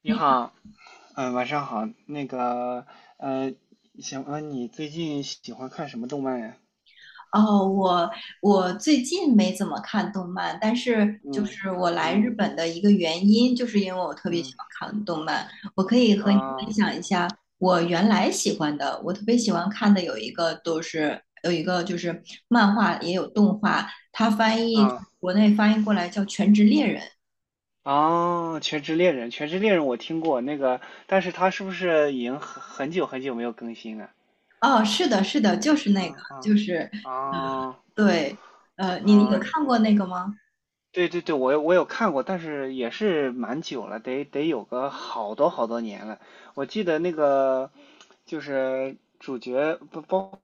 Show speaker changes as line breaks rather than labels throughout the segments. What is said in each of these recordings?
你
你
好，晚上好。呃，行，问你最近喜欢看什么动漫呀？
哦，我最近没怎么看动漫，但是就
嗯
是我来日
嗯
本的一个原因，就是因为我特别喜
嗯，
欢看动漫。我可以和你分
啊
享一下我原来喜欢的，我特别喜欢看的有一个就是漫画也有动画，它
啊
国内翻译过来叫《全职猎人》。
哦，《全职猎人》，我听过那个，但是它是不是已经很久很久没有更新了？
哦，是的，是的，
啊啊啊
对，你有
啊！
看过那个吗？
对对对，我有看过，但是也是蛮久了，得有个好多好多年了。我记得就是主角不包。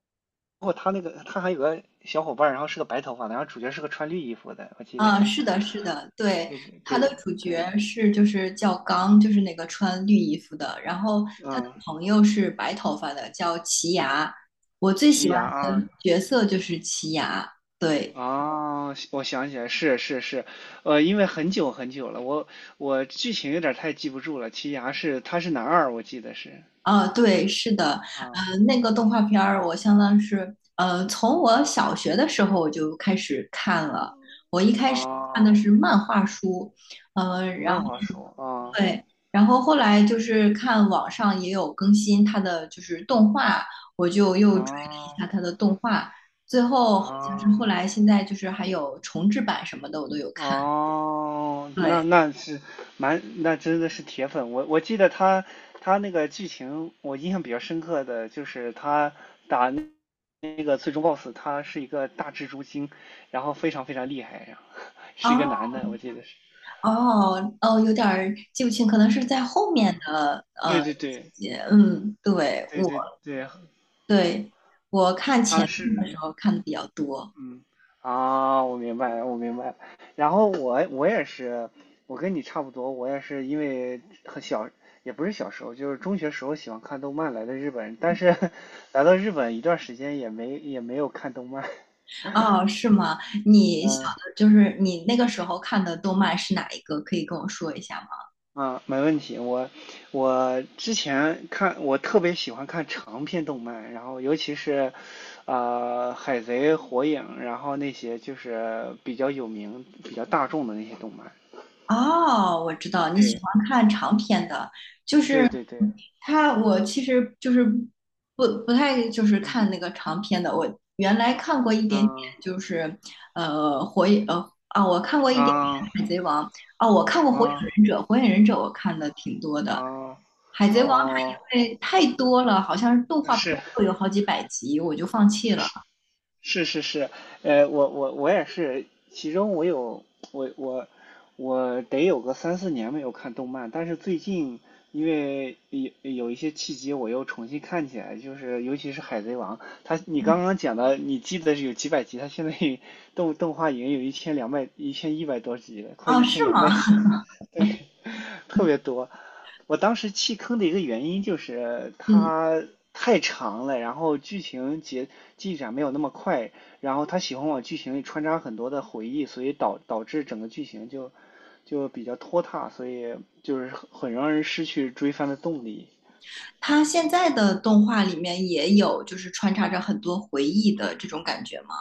不过他还有个小伙伴，然后是个白头发的，然后主角是个穿绿衣服的，我记得。
啊，是的，是的，对，他
对
的主角
对，
就叫刚，就是那个穿绿衣服的，然后他的
嗯，
朋友是白头发的，叫奇牙。我最喜
西
欢
牙啊。
的角色就是奇牙，对，
哦，我想起来，是是是，因为很久很久了，我我剧情有点太记不住了。奇牙是他是男二，我记得是。
啊，对，是的，
啊，
那个动画片儿我相当是，从我小学的时候我就开始看了，我一开始看的
哦，
是漫画书，呃然
漫画书，
对，然后后来就是看网上也有更新它的就是动画，我就又追了一
啊
下它的动画，最
啊。
后好像是后
哦
来现在就是还有重制版什么的，我都有看。
哦，那
对，
那是蛮，那真的是铁粉。我我记得他那个剧情，我印象比较深刻的就是他打那个最终 BOSS,他是一个大蜘蛛精，然后非常非常厉害，然后是一个
哦
男的，我记得是。
哦哦，有点儿记不清，可能是在后面
啊，
的
对对对
也嗯，
对对对，
对我看
他
前面的时
是
候看的比较多。
嗯，啊，我明白了，我明白了。然后我我也是，我跟你差不多，我也是因为很小，也不是小时候，就是中学时候喜欢看动漫来的日本，但是 来到日本一段时间也没有看动漫。
哦，是吗？你小
嗯
的就是你那个时候看的动漫是哪一个？可以跟我说一下吗？
没问题。我我之前看，我特别喜欢看长篇动漫，然后尤其是海贼、火影，然后那些就是比较有名、比较大众的那些动漫。
哦，我知道你喜
对
欢看长篇的，就
对
是
对对。
他，我其实就是不太就是看
嗯
那个长篇的。我原来看过一点点，
啊
就是火影，我看过一点点
啊
海贼王啊，我看过火影
啊
忍者，火影忍者我看的挺多的。
啊
海贼王
哦，
它因为太多了，好像是动画片
是
都有好几百集，我就放弃了。
是是是是，我我我也是，其中我我我得有个三四年没有看动漫，但是最近因为有一些契机，我又重新看起来，就是尤其是《海贼王》，你刚
嗯
刚讲的，你记得是有几百集，它现在 动画已经有一千一百多集了，快
哦，
一千
是
两
吗？
百集了。特别多。我当时弃坑的一个原因就是
嗯。
它太长了，然后剧情节进展没有那么快，然后他喜欢往剧情里穿插很多的回忆，所以导致整个剧情就比较拖沓，所以就是很让人失去追番的动力。
它现在的动画里面也有，就是穿插着很多回忆的这种感觉吗？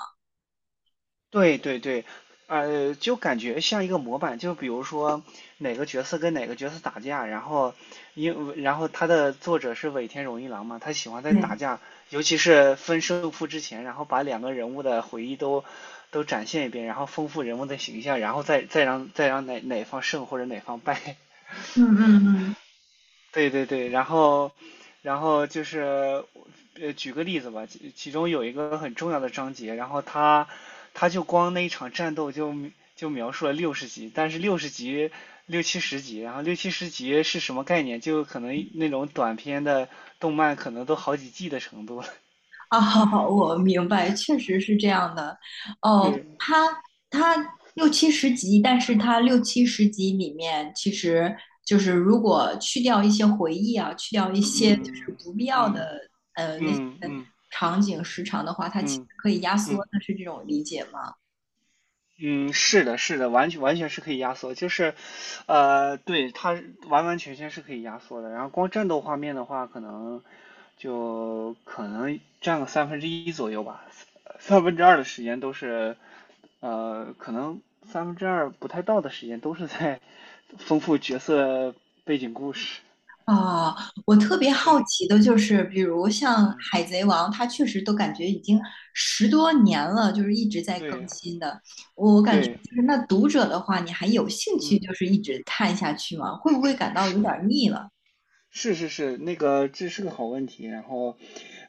对对对，就感觉像一个模板，就比如说哪个角色跟哪个角色打架，然后然后他的作者是尾田荣一郎嘛，他喜欢在打
对，
架，尤其是分胜负之前，然后把两个人物的回忆都展现一遍，然后丰富人物的形象，然后再让哪方胜或者哪方败。
嗯嗯嗯，
对对对，然后，然后就是，举个例子吧，其中有一个很重要的章节，然后他就光那一场战斗就描述了六十集，但是六七十集，然后六七十集是什么概念？就可能那种短片的动漫可能都好几季的程度了。
啊，我明白，确实是这样的。哦，
对，
它它六七十集，但是它六七十集里面，其实就是如果去掉一些回忆啊，去掉一些就
嗯
是不必
嗯
要
嗯
的那些
嗯嗯
场景时长的话，它
嗯
其实
嗯。
可以压缩
嗯
的，是这种理解吗？
嗯，是的，是的，完全是可以压缩，就是，对，它完完全全是可以压缩的。然后光战斗画面的话，就可能占个三分之一左右吧，三分之二的时间都是，可能三分之二不太到的时间都是在丰富角色背景故事。
啊，我特别好
对，
奇的就是，比如像
嗯，
《海贼王》，它确实都感觉已经十多年了，就是一直在更
对，
新的。我感觉
对，
就是那读者的话，你还有兴趣
嗯。
就是一直看下去吗？会不会感到
是。
有点儿腻了？
是是是，那个这是个好问题。然后，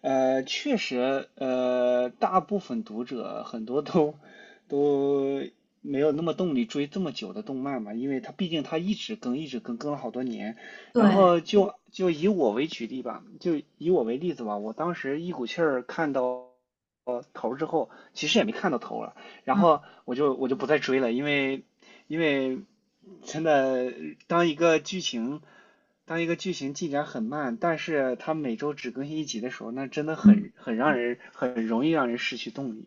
确实，大部分读者很多都没有那么动力追这么久的动漫嘛，因为它毕竟它一直更，一直更，更了好多年。然
对，
后就以我为举例吧，就以我为例子吧，我当时一股气儿看到头之后，其实也没看到头了，然
嗯，
后我就不再追了，因为因为真的当一个剧情当一个剧情进展很慢，但是它每周只更新一集的时候，那真的
嗯。
很让人很容易让人失去动力。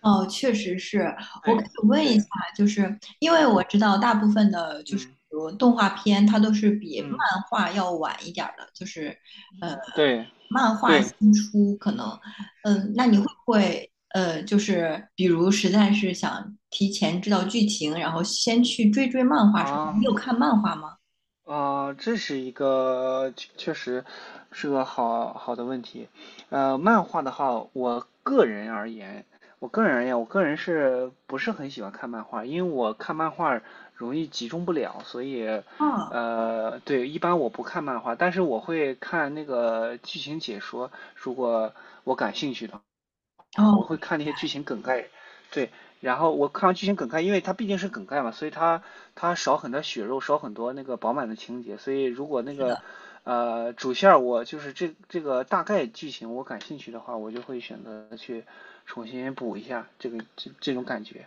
哦，确实是。我可嗯
对
以问一
对，
下，就是因为
嗯
我知道大部分的，就是
嗯
比如动画片，它都是比
嗯，
漫画要晚一点儿的，就是呃，
对
漫画
对
新出可能，嗯、那你会
是
不会就是比如实在是想提前知道剧情，然后先去追追漫画什么的？你
啊。
有看漫画吗？
啊，这是一个确确实是个好的问题。呃，漫画的话，我个人而言，我个人是不是很喜欢看漫画？因为我看漫画容易集中不了，所以，
啊，
对，一般我不看漫画，但是我会看那个剧情解说，如果我感兴趣的。啊，
哦，
我会
我
看那些剧情梗概，对，然后我看完剧情梗概，因为它毕竟是梗概嘛，所以它它少很多血肉，少很多那个饱满的情节，所以如果那
知
个
道。
主线儿，我就是这个大概剧情我感兴趣的话，我就会选择去重新补一下这个这种感觉。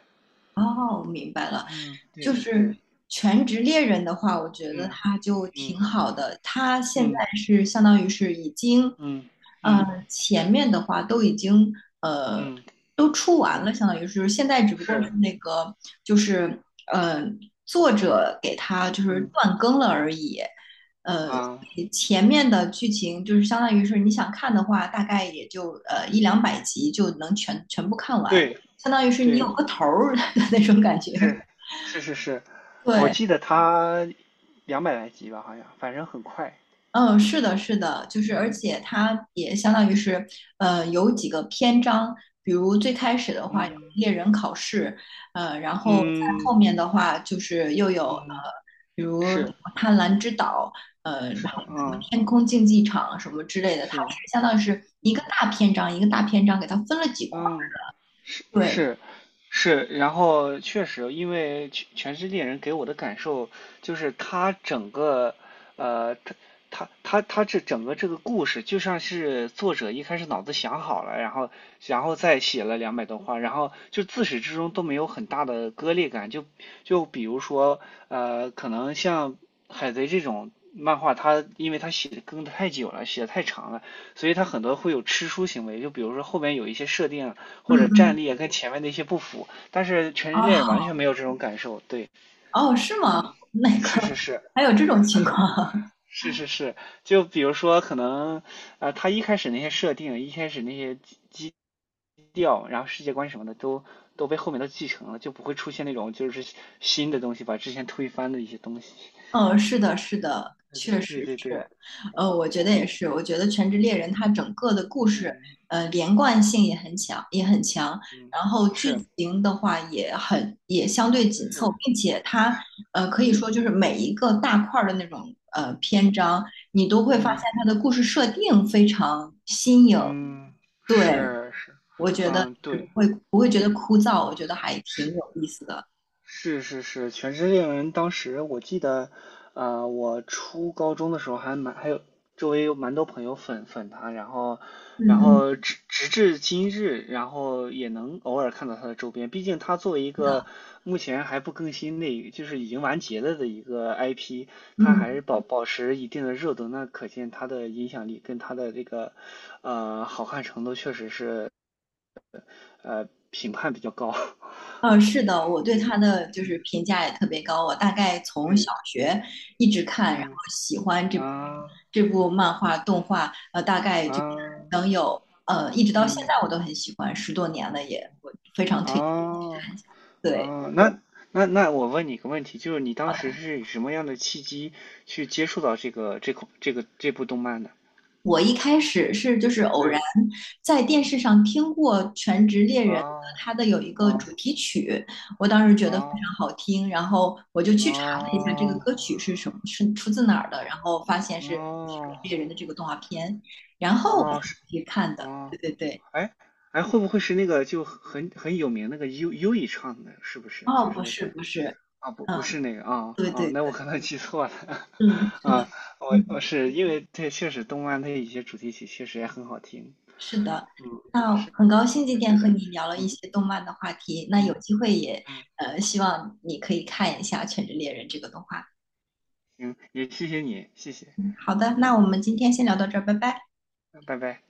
哦，我明白了，
嗯，
就
对对，
是全职猎人的话，我觉得
嗯
他就挺
嗯
好的。他现在
嗯
是相当于是已经
嗯
呃，
嗯
前面的话都已经呃
嗯
都出完了，
嗯，
相当于是就是现在只不过是
是，
那个就是呃作者给他就是
嗯
断更了而已。呃，
啊，
前面的剧情就是相当于是你想看的话，大概也就一两百集就能全部看完，
对
相当于是你
对，
有个头儿 的那种感觉。
是是是是，我
对，
记得他两百来集吧，好像，反正很快。
嗯，是的，是的，就是而且
嗯
它也相当于是，有几个篇章，比如最开始的话有
嗯
猎人考试，然后在
嗯
后面的话就是又有
嗯，
比如什么
是
贪婪之岛，
是
然后什么
嗯
天空竞技场什么之类的，它是
是
相当于是一个
嗯
大篇章一个大篇章给它分了几块儿。
嗯
对，
是。是，然后确实，因为全全世界人给我的感受就是他整个，呃，他他这整个这个故事就像是作者一开始脑子想好了，然后然后再写了两百多话，然后就自始至终都没有很大的割裂感。就比如说，可能像海贼这种漫画，它因为它写的更的太久了，写的太长了，所以它很多会有吃书行为。就比如说后面有一些设定。
嗯
或者战
嗯，
力啊跟前面的一些不符，但是《全职猎人》完
哦
全没有这种感受。对，
哦，是吗？
嗯，
那个
是是是
还有这种情况？
是是是，就比如说可能啊，一开始那些设定，一开始那些基调，然后世界观什么的都被后面都继承了，就不会出现那种就是新的东西把之前推翻的一些东西。
嗯，是的，是的，
对对
确
对
实
对对，
是，我觉
我
得也是，我觉得《全职猎人》
嗯
它整个的故事，
嗯
连贯性也很强，
嗯
然后剧
是
情的话也很也相对紧凑，
是
并且它，可以
嗯
说就是每一个大块儿的那种篇章，你都会发现
嗯
它的故事设定非常新颖，
嗯
对，
是是
我觉得
嗯
就是
对
不会觉得
嗯
枯燥，我觉得还挺
是
有意思的，
是是是，《全职猎人》当时我记得，我初高中的时候还有周围有蛮多朋友粉他，然后然
嗯嗯，
后直至今日，然后也能偶尔看到他的周边。毕竟他作为一
是
个
的，
目前还不更新的，就是已经完结了的一个 IP,他还是
嗯。
保持一定的热度，那可见他的影响力跟他的这个好看程度确实是评判比较高。
嗯，是的，我对
对
他的就
对
是评价也特别高。我大概从小
对，
学一直看，然后
嗯。
喜欢这
啊
这部漫画动画，大概就是
啊，
能有一直到现在
嗯，
我都很喜欢，十多年了也，我非常推荐你去
哦
看一下。对，
哦，那那我问你一个问题，就是你当时
好
是以什么样的契机去接触到这个这款这个这部动漫的？
我一开始是就是偶然
对，
在电视上听过《全职猎人》
哦
它的有一个主
哦
题曲，我当时觉得非常
哦
好听，然后我就去查了一下这个歌
哦
曲是什么，是出自哪儿的，然后发现是《全
哦
职猎人》的这个动画片，然后我才
哦，是
去看的。对
哦，
对对，
哎哎，会不会是那个就很有名那个优以唱的？是不是？就
哦，
是
不
那
是
个
不是，
啊，不
嗯，
是那个
对对
那
对，
我可能记错了
嗯，是的，
啊，我我
嗯。
是因为这确实动漫它有些主题曲确实也很好听，
是的，
嗯，
那很高兴今天
是
和
的，
你聊了一
嗯
些动漫的话题，那有
嗯
机会也
嗯，
希望你可以看一下《全职猎人》这个动画。
行，也谢谢你，谢谢，
好的，
嗯，
那我们今天先聊到这儿，拜拜。
拜拜。